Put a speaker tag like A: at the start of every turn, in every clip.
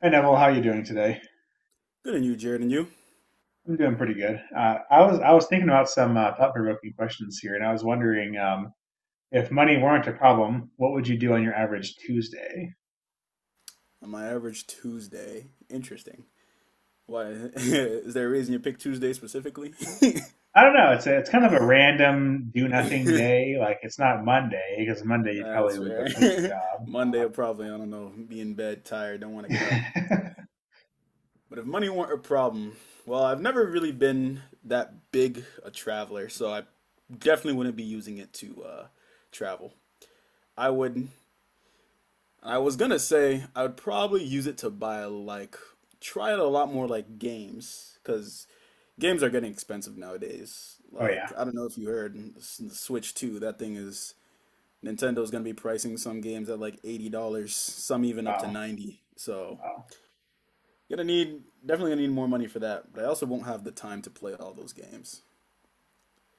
A: Hey Neville, how are you doing today?
B: Good on you, Jared, and you.
A: I'm doing pretty good. I was thinking about some thought-provoking questions here, and I was wondering if money weren't a problem, what would you do on your average Tuesday?
B: On my average Tuesday, interesting. Why is there a reason you picked Tuesday specifically?
A: I don't know. It's kind of a random do nothing day. Like it's not Monday because Monday you
B: Nah,
A: probably
B: that's
A: would go quit your
B: fair.
A: job.
B: Monday
A: Like,
B: will probably, I don't know, be in bed, tired, don't want to get up. But if money weren't a problem, well, I've never really been that big a traveler, so I definitely wouldn't be using it to travel. I would, I was gonna say I would probably use it to buy like, try it a lot more like games, because games are getting expensive nowadays.
A: oh yeah,
B: Like, I don't know if you heard Switch 2, that thing is Nintendo's gonna be pricing some games at like $80, some even up to
A: wow,
B: 90. So,
A: wow,
B: gonna need definitely gonna need more money for that, but I also won't have the time to play all those games.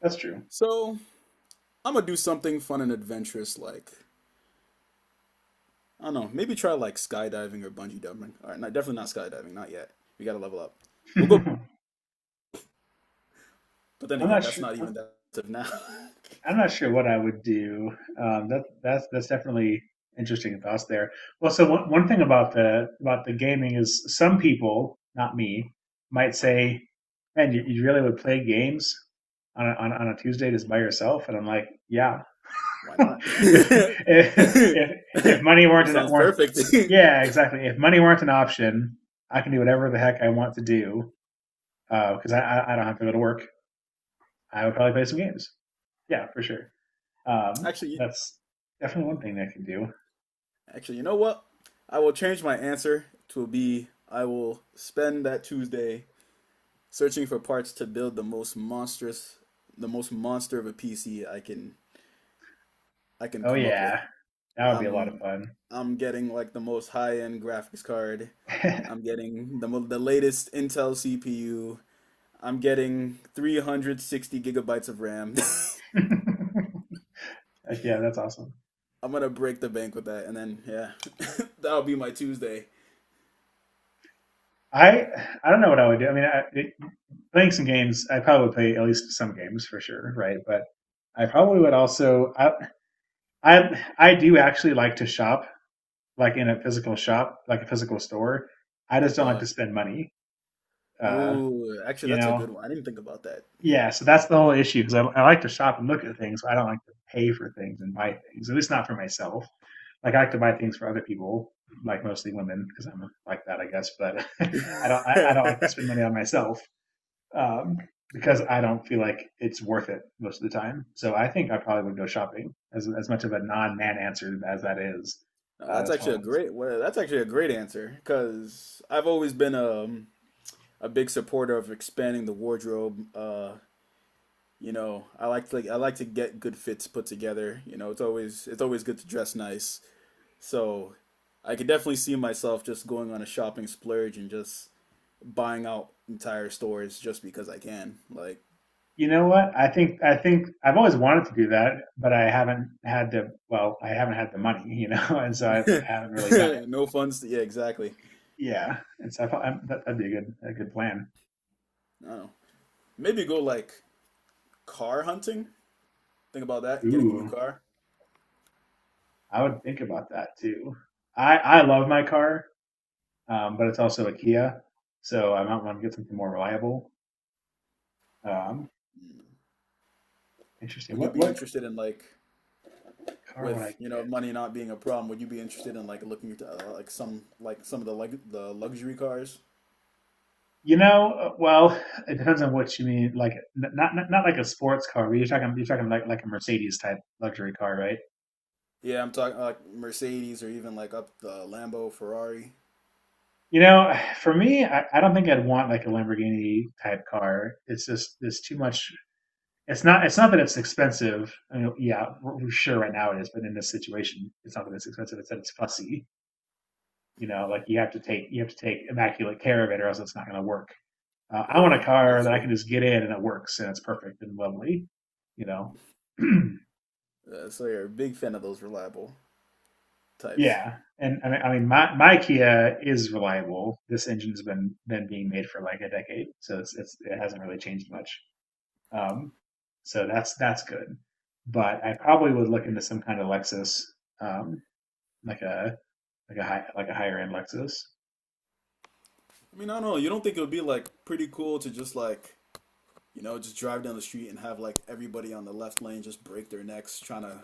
A: that's true.
B: So, I'm gonna do something fun and adventurous like I don't know, maybe try like skydiving or bungee jumping. All right, not, definitely not skydiving, not yet. We gotta level up. We'll go, but then
A: I'm
B: again,
A: not
B: that's
A: sure.
B: not even that expensive now.
A: I'm not sure what I would do. That's definitely interesting thoughts there. Well, so one thing about the gaming is some people, not me, might say, "Man, you really would play games on on a Tuesday just by yourself?" And I'm like, "Yeah,
B: Why not?
A: if,
B: That
A: if if if money weren't an
B: sounds
A: weren't
B: perfect.
A: yeah exactly if money weren't an option, I can do whatever the heck I want to do because I don't have to go to work. I would probably play some games. Yeah, for sure." Um,
B: actually,
A: that's definitely one thing that I could do.
B: Actually, you know what? I will change my answer to be I will spend that Tuesday searching for parts to build the most monstrous, the most monster of a PC I can
A: Oh
B: come up with.
A: yeah, that would be a lot of
B: I'm
A: fun.
B: I'm getting like the most high-end graphics card. I'm getting the the latest Intel CPU. I'm getting 360 gigabytes of RAM.
A: Like yeah, that's awesome.
B: I'm gonna break the bank with that, and then yeah, that'll be my Tuesday.
A: I I don't know what I would do. I mean, playing some games, I probably would play at least some games for sure, right? But I probably would also I do actually like to shop, like in a physical shop, like a physical store. I just don't like
B: Uh,
A: to spend money. Uh,
B: Actually,
A: you
B: that's a good
A: know,
B: one. I didn't think about
A: yeah. So that's the whole issue because I like to shop and look at things. But I don't like to pay for things and buy things, at least not for myself. Like I like to buy things for other people, like mostly women, because I'm like that, I guess. But I don't like to
B: that.
A: spend money on myself um, because I don't feel like it's worth it most of the time. So I think I probably would go shopping, as much of a non-man answer as that is.
B: No, that's
A: That's
B: actually
A: probably
B: a great. Well, that's actually a great answer because I've always been a big supporter of expanding the wardrobe. I like to get good fits put together. You know, it's always good to dress nice. So I could definitely see myself just going on a shopping splurge and just buying out entire stores just because I can. Like
A: you know what I think. I think I've always wanted to do that, but I haven't had the well, I haven't had the money, and so I haven't really done it.
B: no fun. Yeah, exactly.
A: Yeah, and so I thought that'd be a good plan.
B: No. Maybe go like car hunting. Think about that. Getting a new
A: Ooh,
B: car.
A: I would think about that too. I love my car, but it's also a Kia, so I might want to get something more reliable. Um, interesting.
B: Would you
A: What
B: be
A: what
B: interested in like
A: car would I
B: with you know
A: get?
B: money not being a problem? Would you be interested in like looking at like some of the like the luxury cars?
A: You know, uh, well, it depends on what you mean. Like not like a sports car, but you're talking like a Mercedes type luxury car, right?
B: Yeah, I'm talking like Mercedes or even like up the Lambo, Ferrari.
A: You know, for me, I don't think I'd want like a Lamborghini type car. It's just there's too much. It's not. It's not that it's expensive. I mean, yeah, we're sure right now it is, but in this situation, it's not that it's expensive. It's that it's fussy. You know, like you have to take immaculate care of it, or else it's not going to work. I want a
B: Yeah,
A: car
B: that's
A: that I
B: true.
A: can just get in and it works and it's perfect and lovely. You know,
B: So you're a big fan of those reliable types.
A: yeah. And I mean, my my Kia is reliable. This engine's been being made for like a decade, so it's it hasn't really changed much. Um, so that's good. But I probably would look into some kind of Lexus um, like a like a high like a higher end Lexus.
B: I mean, I don't know. You don't think it would be like pretty cool to just like you know, just drive down the street and have like everybody on the left lane just break their necks trying to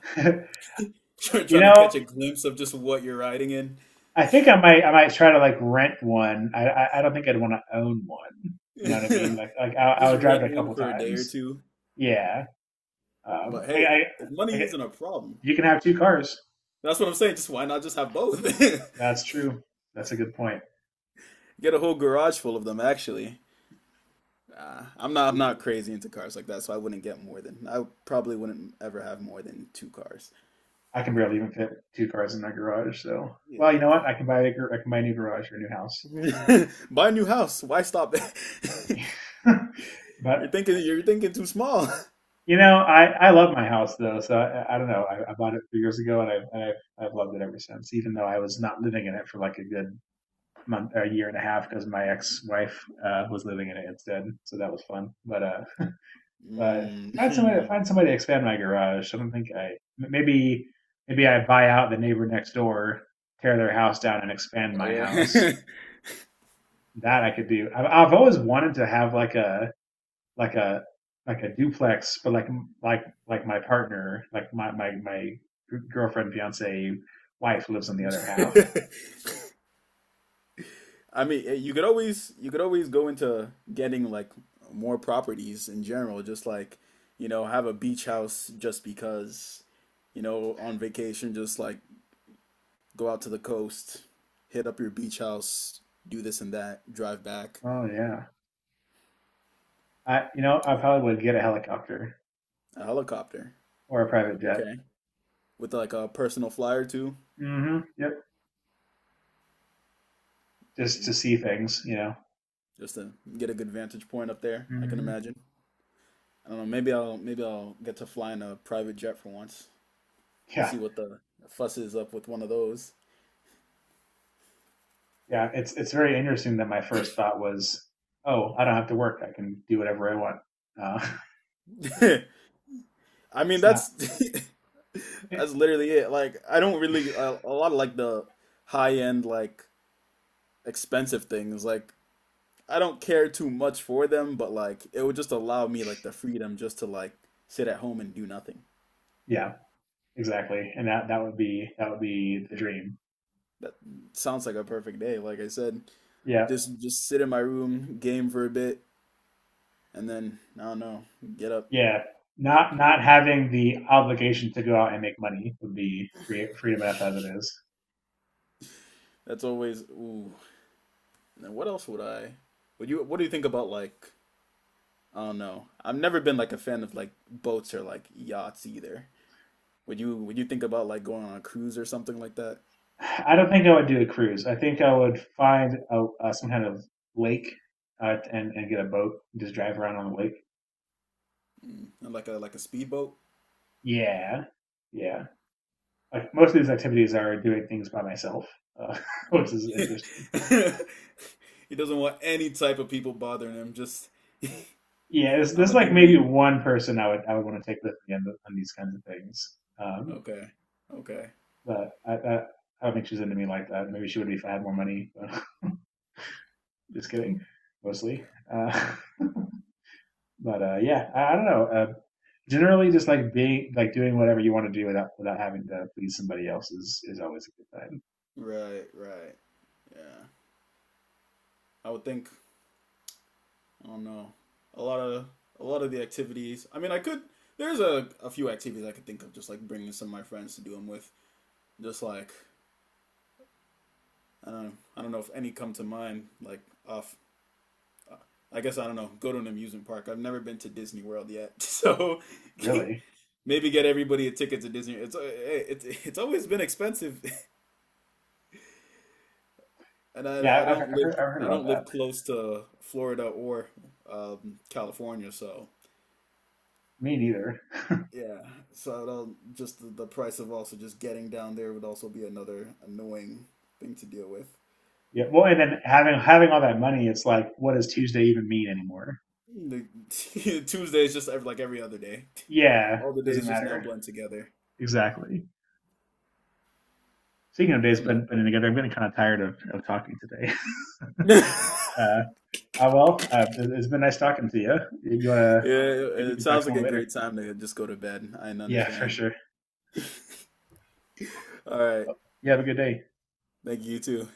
A: You
B: trying to catch
A: know,
B: a glimpse of just what you're riding in.
A: I think I might try to like rent one. I don't think I'd want to own one. You know what I mean? Like I
B: Just
A: would drive
B: rent
A: it a
B: one
A: couple
B: for a day or
A: times.
B: two.
A: Yeah. Um.
B: But
A: I, I
B: hey, if
A: I
B: money
A: get
B: isn't a problem,
A: you can have two cars.
B: that's what I'm saying. Just why not just have both?
A: That's true. That's a good point.
B: Get a whole garage full of them. Actually, I'm not crazy into cars like that, so I wouldn't get more than I probably wouldn't ever have more than two cars.
A: I can barely even fit two cars in my garage. So well, you know what? I can buy a new garage or a new house.
B: Yeah, buy a new house. Why stop?
A: But
B: You're thinking too small.
A: you know, I love my house though, so I don't know. I bought it 3 years ago, and I've I've loved it ever since. Even though I was not living in it for like a good month, a year and a half, because my ex-wife was living in it instead, so that was fun. But uh,
B: Mm.
A: find somebody to expand my garage. I don't think I maybe maybe I buy out the neighbor next door, tear their house down, and expand
B: Oh
A: my house.
B: yeah.
A: That I could do. I've always wanted to have like a like a like a duplex, but like like my partner, like my girlfriend, fiance, wife lives on the other half.
B: I mean, eh, you could always go into getting like more properties in general, just like, you know, have a beach house just because, you know, on vacation, just like go out to the coast, hit up your beach house, do this and that, drive back.
A: Oh yeah, I you know I probably would get a helicopter
B: A helicopter.
A: or a private jet.
B: Okay. With like a personal flyer too,
A: Hmm. Yep, just to see things, you know.
B: just to get a good vantage point up there, I can
A: Hmm.
B: imagine. I don't know. Maybe I'll get to fly in a private jet for once.
A: Yeah,
B: See what the fuss is up with one of those.
A: yeah. It's very interesting that my first thought was, oh, I don't have to work. I can do whatever I want. Uh,
B: I mean,
A: it's not.
B: that's
A: It,
B: that's literally it. Like, I don't really a lot of like the high end like expensive things. Like, I don't care too much for them, but like it would just allow me like the freedom just to like sit at home and do nothing.
A: yeah, exactly. And that would be that would be the dream.
B: That sounds like a perfect day. Like I said,
A: Yeah.
B: just sit in my room, game for a bit, and then I don't know, get up.
A: Yeah, not not having the obligation to go out and make money would be free, freedom enough as it is.
B: That's always ooh, and then what else would I? Would you? What do you think about like? I don't know. I've never been like a fan of like boats or like yachts either. Would you? Would you think about like going on a cruise or something like that?
A: I don't think I would do a cruise. I think I would find some kind of lake and get a boat and just drive around on the lake.
B: Mm. And like a speedboat.
A: Yeah, yeah. Like most of these activities are doing things by myself, uh, which
B: Mm.
A: is interesting.
B: He doesn't want any type of people bothering him. Just
A: Yeah,
B: I'm
A: there's
B: gonna
A: like
B: do
A: maybe
B: me.
A: one person I would want to take with me on, the, on these kinds of things. Um,
B: Okay. Okay.
A: but I, I I don't think she's into me like that. Maybe she would be if I had more money. Just kidding, mostly. Uh, but yeah, I don't know. Generally, just like being like doing whatever you want to do without having to please somebody else is always a good time.
B: Right. Right. Yeah. I would think. I don't know. A lot of a lot of the activities. I mean, I could. There's a few activities I could think of, just like bringing some of my friends to do them with. Just like I don't know. I don't know if any come to mind. Like off. I guess I don't know. Go to an amusement park. I've never been to Disney World yet, so
A: Really?
B: maybe get everybody a ticket to Disney. It's it's always been expensive, and
A: Yeah,
B: I don't live
A: I've heard about that.
B: close to Florida or California, so
A: Me neither.
B: yeah, so it'll just the price of also just getting down there would also be another annoying thing to deal with.
A: Yeah. Well, and then having all that money, it's like, what does Tuesday even mean anymore?
B: The Tuesday is just like every other day.
A: Yeah,
B: All the
A: doesn't
B: days just now
A: matter.
B: blend together.
A: Exactly. Speaking of days,
B: Hmm.
A: been together. I am getting kind of tired of talking today.
B: Yeah,
A: Uh, Uh, well, uh, it's been nice talking to you. You wanna
B: it,
A: maybe we
B: it
A: can talk
B: sounds
A: some
B: like
A: more
B: a
A: later.
B: great time to just go to bed. I
A: Yeah, for
B: understand.
A: sure.
B: All right,
A: You have a good day.
B: thank you too.